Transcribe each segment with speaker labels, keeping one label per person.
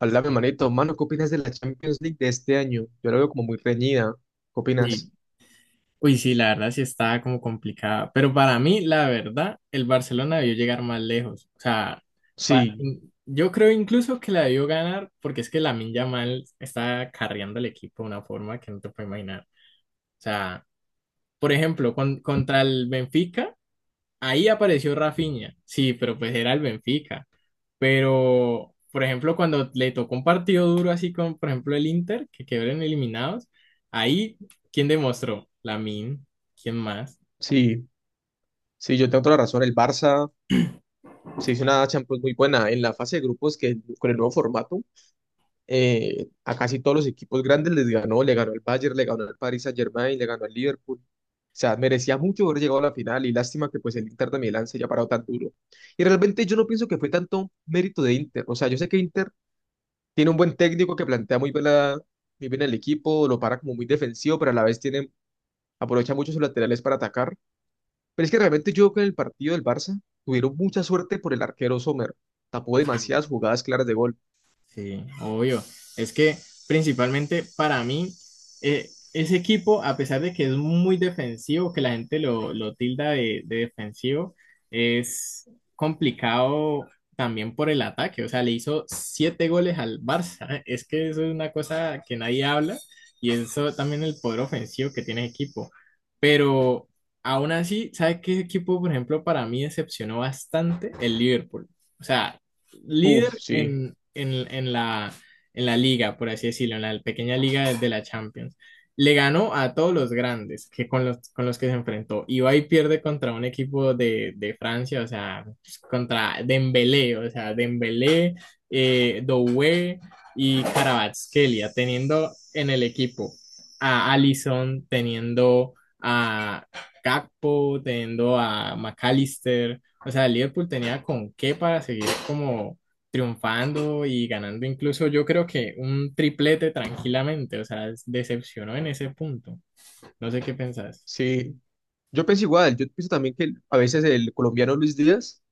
Speaker 1: Hola, mi manito. Mano, ¿qué opinas de la Champions League de este año? Yo la veo como muy reñida. ¿Qué
Speaker 2: Uy,
Speaker 1: opinas?
Speaker 2: uy, sí, la verdad sí está como complicada. Pero para mí, la verdad, el Barcelona debió llegar más lejos. O sea, pa-
Speaker 1: Sí,
Speaker 2: yo creo incluso que la debió ganar porque es que Lamine Yamal está carreando al equipo de una forma que no te puedo imaginar. O sea, por ejemplo, contra el Benfica. Ahí apareció Rafinha, sí, pero pues era el Benfica. Pero, por ejemplo, cuando le tocó un partido duro así con, por ejemplo, el Inter, que quedaron eliminados, ahí, ¿quién demostró? min, ¿Quién más?
Speaker 1: sí, sí, yo tengo toda la razón. El Barça se hizo una Champions muy buena en la fase de grupos que, con el nuevo formato, a casi todos los equipos grandes les ganó. Le ganó al Bayern, le ganó al Paris Saint-Germain, le ganó al Liverpool. O sea, merecía mucho haber llegado a la final, y lástima que pues el Inter de Milán se haya parado tan duro. Y realmente yo no pienso que fue tanto mérito de Inter. O sea, yo sé que Inter tiene un buen técnico que plantea muy bien, muy bien el equipo, lo para como muy defensivo, pero a la vez tiene, aprovecha mucho sus laterales para atacar. Pero es que realmente yo creo que en el partido del Barça tuvieron mucha suerte por el arquero Sommer. Tapó demasiadas jugadas claras de gol.
Speaker 2: Sí, obvio. Es que principalmente para mí, ese equipo, a pesar de que es muy defensivo, que la gente lo tilda de defensivo, es complicado también por el ataque. O sea, le hizo siete goles al Barça. Es que eso es una cosa que nadie habla y eso también el poder ofensivo que tiene el equipo. Pero aún así, ¿sabe qué equipo, por ejemplo, para mí decepcionó bastante? El Liverpool. O sea,
Speaker 1: Uf,
Speaker 2: líder
Speaker 1: sí,
Speaker 2: en la liga, por así decirlo, en la pequeña liga de la Champions. Le ganó a todos los grandes que con con los que se enfrentó. Y va y pierde contra un equipo de Francia, o sea, pues, contra Dembélé, o sea, Dembélé, Doué y Kvaratskhelia, teniendo en el equipo a Alisson, teniendo a Gakpo, teniendo a McAllister, o sea, el Liverpool tenía con qué para seguir como triunfando y ganando incluso yo creo que un triplete tranquilamente. O sea, decepcionó en ese punto. No sé qué pensás.
Speaker 1: sí. Yo pienso igual, yo pienso también que a veces el colombiano Luis Díaz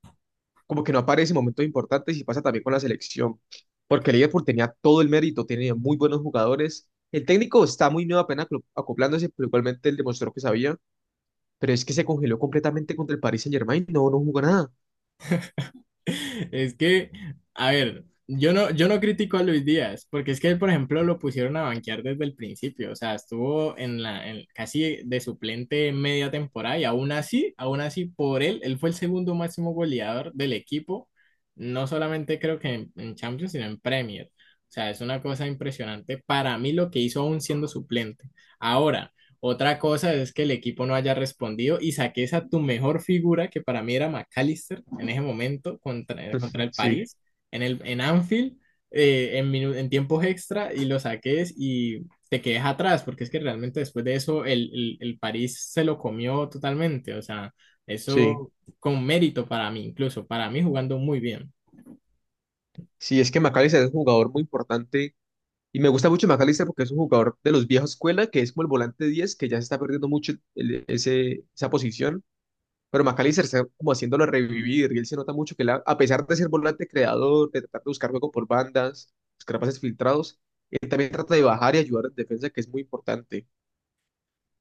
Speaker 1: como que no aparece en momentos importantes, y pasa también con la selección. Porque el Liverpool tenía todo el mérito, tenía muy buenos jugadores. El técnico está muy nuevo, apenas acoplándose, pero igualmente él demostró que sabía. Pero es que se congeló completamente contra el Paris Saint-Germain, no, no jugó nada.
Speaker 2: Es que, a ver, yo no critico a Luis Díaz, porque es que él, por ejemplo, lo pusieron a banquear desde el principio, o sea, estuvo en casi de suplente media temporada y aún así, por él, él fue el segundo máximo goleador del equipo, no solamente creo que en Champions, sino en Premier. O sea, es una cosa impresionante para mí lo que hizo aún siendo suplente. Ahora, otra cosa es que el equipo no haya respondido y saques a tu mejor figura, que para mí era McAllister en ese momento contra el
Speaker 1: Sí,
Speaker 2: París, en Anfield, en tiempos extra, y lo saques y te quedes atrás, porque es que realmente después de eso el París se lo comió totalmente. O sea,
Speaker 1: sí,
Speaker 2: eso con mérito para mí, incluso para mí jugando muy bien.
Speaker 1: sí, es que McAllister es un jugador muy importante, y me gusta mucho McAllister porque es un jugador de los viejos escuela, que es como el volante 10, que ya se está perdiendo mucho esa posición, pero McAllister está como haciéndolo revivir. Y él se nota mucho que él, a pesar de ser volante creador, de tratar de buscar juego por bandas, buscar pases filtrados, él también trata de bajar y ayudar en defensa, que es muy importante.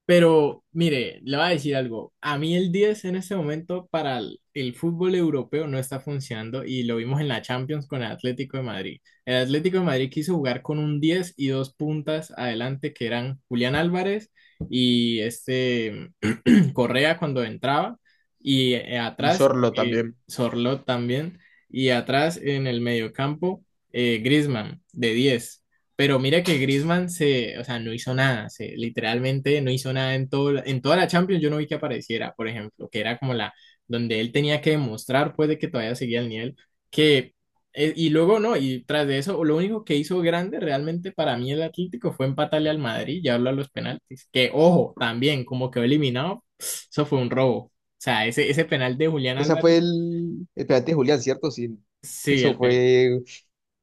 Speaker 2: Pero mire, le voy a decir algo. A mí el 10 en este momento para el fútbol europeo no está funcionando y lo vimos en la Champions con el Atlético de Madrid. El Atlético de Madrid quiso jugar con un 10 y dos puntas adelante que eran Julián Álvarez y este Correa cuando entraba y
Speaker 1: Y
Speaker 2: atrás
Speaker 1: Sorlo también.
Speaker 2: Sorlot también y atrás en el mediocampo Griezmann de diez. Pero mira que o sea, no hizo nada, literalmente no hizo nada en todo, en toda la Champions, yo no vi que apareciera, por ejemplo, que era como la donde él tenía que demostrar pues de que todavía seguía el nivel que y luego no, y tras de eso, lo único que hizo grande realmente para mí el Atlético fue empatarle al Madrid y hablo a los penaltis. Que ojo, también como quedó eliminado, eso fue un robo. O sea, ese penal de Julián
Speaker 1: Esa fue
Speaker 2: Álvarez,
Speaker 1: el, el penalti de Julián, ¿cierto? Sí.
Speaker 2: sí,
Speaker 1: Eso
Speaker 2: el penal.
Speaker 1: fue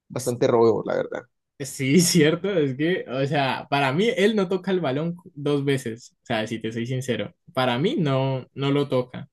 Speaker 1: bastante robo, la verdad.
Speaker 2: Sí, cierto, es que, o sea, para mí él no toca el balón dos veces, o sea, si te soy sincero, para mí no lo toca.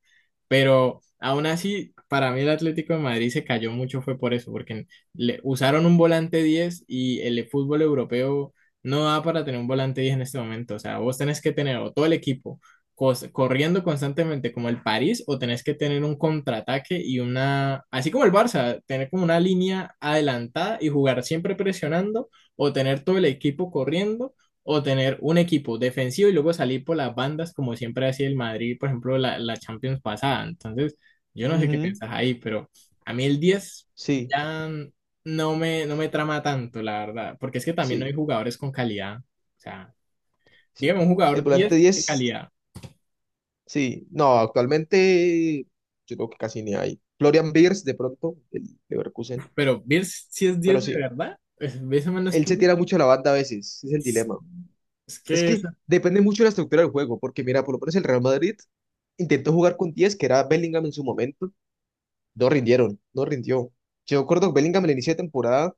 Speaker 2: Pero aún así, para mí el Atlético de Madrid se cayó mucho fue por eso, porque le usaron un volante 10 y el fútbol europeo no da para tener un volante 10 en este momento. O sea, vos tenés que tener o todo el equipo corriendo constantemente como el París o tenés que tener un contraataque así como el Barça, tener como una línea adelantada y jugar siempre presionando o tener todo el equipo corriendo o tener un equipo defensivo y luego salir por las bandas, como siempre hacía el Madrid, por ejemplo, la Champions pasada. Entonces, yo no sé qué
Speaker 1: Ujú,
Speaker 2: pensás ahí, pero a mí el 10
Speaker 1: sí,
Speaker 2: ya no me trama tanto, la verdad, porque es que también no hay
Speaker 1: sí,
Speaker 2: jugadores con calidad. O sea,
Speaker 1: sí.
Speaker 2: dígame un
Speaker 1: El
Speaker 2: jugador
Speaker 1: volante
Speaker 2: 10 de
Speaker 1: diez,
Speaker 2: calidad,
Speaker 1: sí. No, actualmente yo creo que casi ni hay. Florian Beers, de pronto, el Leverkusen.
Speaker 2: pero ver si es 10
Speaker 1: Pero
Speaker 2: de
Speaker 1: sí,
Speaker 2: verdad, pues, ese man no es
Speaker 1: él se
Speaker 2: punta.
Speaker 1: tira mucho a la banda a veces, es el dilema.
Speaker 2: Es
Speaker 1: Es
Speaker 2: que
Speaker 1: que depende mucho de la estructura del juego, porque mira, por lo menos el Real Madrid intentó jugar con 10, que era Bellingham en su momento. No rindieron, no rindió. Yo recuerdo que Bellingham, al inicio de temporada,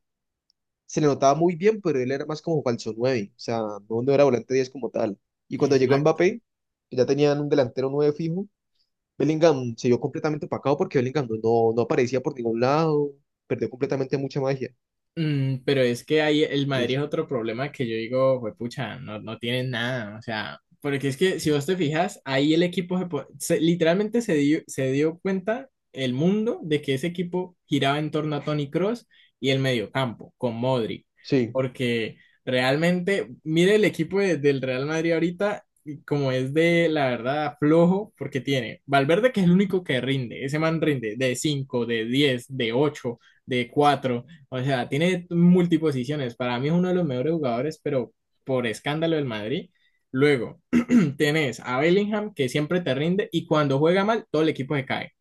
Speaker 1: se le notaba muy bien, pero él era más como falso nueve, o sea, no era volante 10 como tal. Y cuando llegó
Speaker 2: esa-
Speaker 1: Mbappé, que ya tenían un delantero 9 fijo, Bellingham se vio completamente opacado, porque Bellingham no aparecía por ningún lado, perdió completamente mucha magia.
Speaker 2: Mm, pero es que ahí el Madrid es
Speaker 1: Entonces,
Speaker 2: otro problema que yo digo, juepucha, no tienen nada, o sea, porque es que si vos te fijas, ahí el equipo se, po- se- literalmente se dio cuenta el mundo de que ese equipo giraba en torno a Toni Kroos y el mediocampo con Modric,
Speaker 1: sí.
Speaker 2: porque realmente, mire el equipo del Real Madrid ahorita, y como es de la verdad flojo, porque tiene Valverde que es el único que rinde, ese man rinde de 5 de 10 de 8 de cuatro, o sea, tiene multiposiciones. Para mí es uno de los mejores jugadores, pero por escándalo del Madrid. Luego tenés a Bellingham, que siempre te rinde, y cuando juega mal, todo el equipo se cae.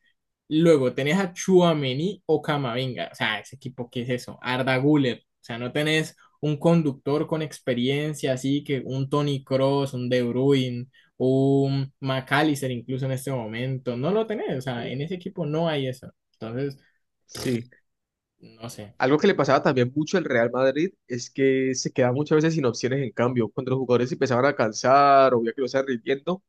Speaker 2: Luego tenés a Chuamení o Camavinga. O sea, ese equipo, ¿qué es eso? Arda Güler. O sea, no tenés un conductor con experiencia, así que un Toni Kroos, un De Bruyne, un McAllister incluso en este momento. No lo tenés. O sea, en
Speaker 1: Sí,
Speaker 2: ese equipo no hay eso. Entonces,
Speaker 1: sí.
Speaker 2: no sé.
Speaker 1: Algo que le pasaba también mucho al Real Madrid es que se quedaba muchas veces sin opciones en cambio. Cuando los jugadores se empezaban a cansar o veía que lo estaban rindiendo,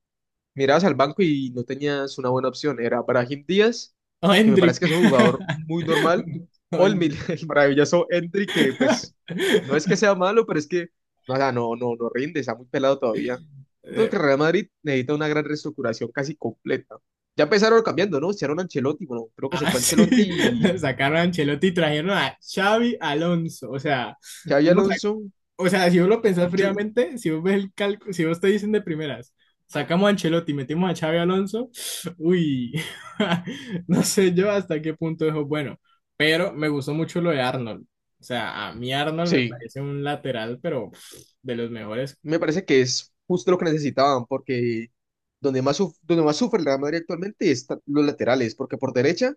Speaker 1: mirabas al banco y no tenías una buena opción. Era Brahim Díaz,
Speaker 2: O
Speaker 1: que me
Speaker 2: Hendrik.
Speaker 1: parece que es un jugador muy normal,
Speaker 2: O
Speaker 1: o
Speaker 2: Hen-
Speaker 1: el maravilloso Endrick, que pues no es que sea malo, pero es que no, o sea, no rinde, está muy pelado todavía. Yo creo
Speaker 2: Eh,
Speaker 1: que Real Madrid necesita una gran reestructuración casi completa. Ya empezaron cambiando, ¿no? Hicieron Ancelotti, bueno, creo que se fue
Speaker 2: Sí.
Speaker 1: Ancelotti y
Speaker 2: Sacaron a Ancelotti y trajeron a Xavi Alonso. O sea,
Speaker 1: Xavi
Speaker 2: ¿cómo sa-
Speaker 1: Alonso.
Speaker 2: O sea, si vos lo pensás
Speaker 1: Yo-
Speaker 2: fríamente, si vos ves el cálculo, si vos te dicen de primeras, sacamos a Ancelotti y metimos a Xavi Alonso, uy, no sé yo hasta qué punto eso es bueno. Pero me gustó mucho lo de Arnold. O sea, a mí Arnold me
Speaker 1: sí.
Speaker 2: parece un lateral, pero pff, de los mejores.
Speaker 1: Me parece que es justo lo que necesitaban, porque donde más sufre el Real Madrid actualmente están los laterales, porque por derecha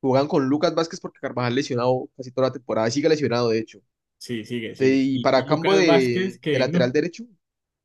Speaker 1: juegan con Lucas Vázquez, porque Carvajal lesionado casi toda la temporada, sigue lesionado de hecho.
Speaker 2: Sí, sigue,
Speaker 1: Te-
Speaker 2: sigue.
Speaker 1: y para
Speaker 2: Y
Speaker 1: campo
Speaker 2: Lucas Vázquez,
Speaker 1: de,
Speaker 2: que no,
Speaker 1: lateral derecho,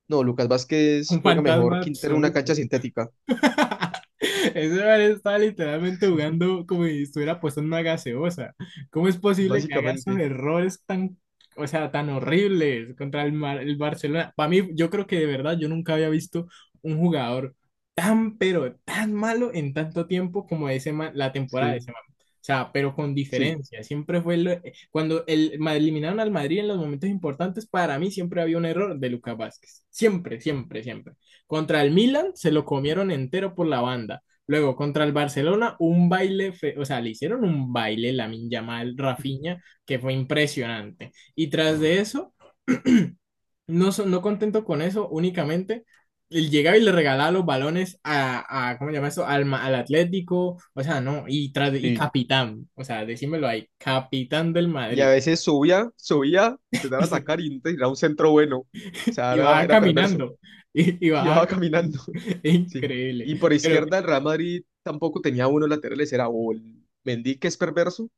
Speaker 1: no, Lucas Vázquez
Speaker 2: un
Speaker 1: juega mejor
Speaker 2: fantasma
Speaker 1: Quintero en una cancha
Speaker 2: absoluto.
Speaker 1: sintética,
Speaker 2: Ese man está literalmente jugando como si estuviera apostando una gaseosa. ¿Cómo es posible que haga esos
Speaker 1: básicamente.
Speaker 2: errores tan, o sea, tan horribles contra el, el Barcelona? Para mí, yo creo que de verdad yo nunca había visto un jugador tan, pero tan malo en tanto tiempo como la temporada de ese
Speaker 1: Sí,
Speaker 2: man. O sea, pero con
Speaker 1: sí,
Speaker 2: diferencia. Siempre fue cuando eliminaron al Madrid en los momentos importantes, para mí siempre había un error de Lucas Vázquez. Siempre, siempre, siempre. Contra el Milan se lo comieron entero por la banda. Luego contra el Barcelona, un baile, o sea, le hicieron un baile Lamine Yamal, Rafinha, que fue impresionante. Y tras de eso, no contento con eso, únicamente él llegaba y le regalaba los balones a ¿cómo se llama eso? Al Atlético, o sea, no, y y
Speaker 1: sí.
Speaker 2: capitán, o sea, decímelo ahí, capitán del
Speaker 1: Y a
Speaker 2: Madrid.
Speaker 1: veces subía, subía, te dan
Speaker 2: Y,
Speaker 1: a
Speaker 2: se,
Speaker 1: atacar y te tiraba un centro bueno. O sea,
Speaker 2: y
Speaker 1: era,
Speaker 2: bajaba
Speaker 1: era perverso.
Speaker 2: caminando, y
Speaker 1: Y
Speaker 2: bajaba
Speaker 1: bajaba caminando.
Speaker 2: caminando.
Speaker 1: Sí.
Speaker 2: Increíble,
Speaker 1: Y por
Speaker 2: pero
Speaker 1: izquierda el Real Madrid tampoco tenía buenos laterales, era o el Mendy, que es perverso,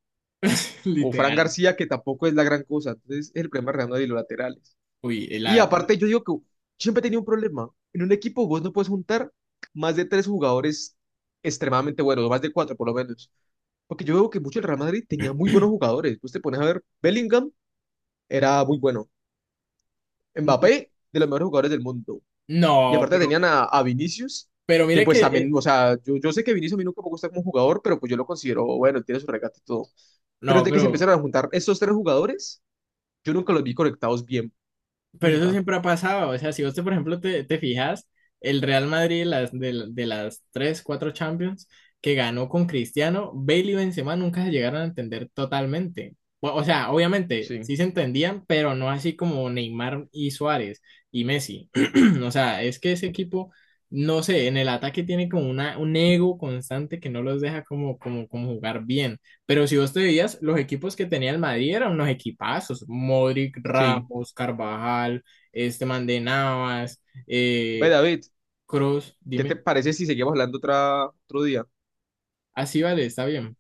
Speaker 1: o Fran
Speaker 2: literal.
Speaker 1: García, que tampoco es la gran cosa. Entonces el problema del Real Madrid, los laterales.
Speaker 2: Uy, la
Speaker 1: Y
Speaker 2: verdad.
Speaker 1: aparte yo digo que yo siempre tenía un problema. En un equipo vos no puedes juntar más de tres jugadores extremadamente buenos, o más de cuatro por lo menos. Porque yo veo que mucho el Real Madrid tenía muy buenos jugadores. Vos te pones a ver, Bellingham era muy bueno. Mbappé, de los mejores jugadores del mundo. Y
Speaker 2: No,
Speaker 1: aparte tenían a Vinicius,
Speaker 2: pero
Speaker 1: que
Speaker 2: mira que,
Speaker 1: pues a mí, o sea, yo sé que Vinicius a mí nunca me gusta como jugador, pero pues yo lo considero, bueno, él tiene su regate y todo. Pero
Speaker 2: no,
Speaker 1: desde que se empezaron a juntar estos tres jugadores, yo nunca los vi conectados bien,
Speaker 2: pero eso
Speaker 1: nunca.
Speaker 2: siempre ha pasado. O sea, si por ejemplo, te fijas, el Real Madrid de las 3 4 Champions que ganó con Cristiano, Bale y Benzema nunca se llegaron a entender totalmente. O sea, obviamente
Speaker 1: Sí,
Speaker 2: sí se entendían, pero no así como Neymar y Suárez y Messi. O sea, es que ese equipo, no sé, en el ataque tiene como un ego constante que no los deja como jugar bien. Pero si vos te veías, los equipos que tenía el Madrid eran unos equipazos. Modric,
Speaker 1: sí.
Speaker 2: Ramos, Carvajal, este man de Navas,
Speaker 1: Ve,
Speaker 2: eh,
Speaker 1: David,
Speaker 2: Kroos,
Speaker 1: ¿qué te
Speaker 2: dime.
Speaker 1: parece si seguimos hablando otra, otro día?
Speaker 2: Así vale, está bien.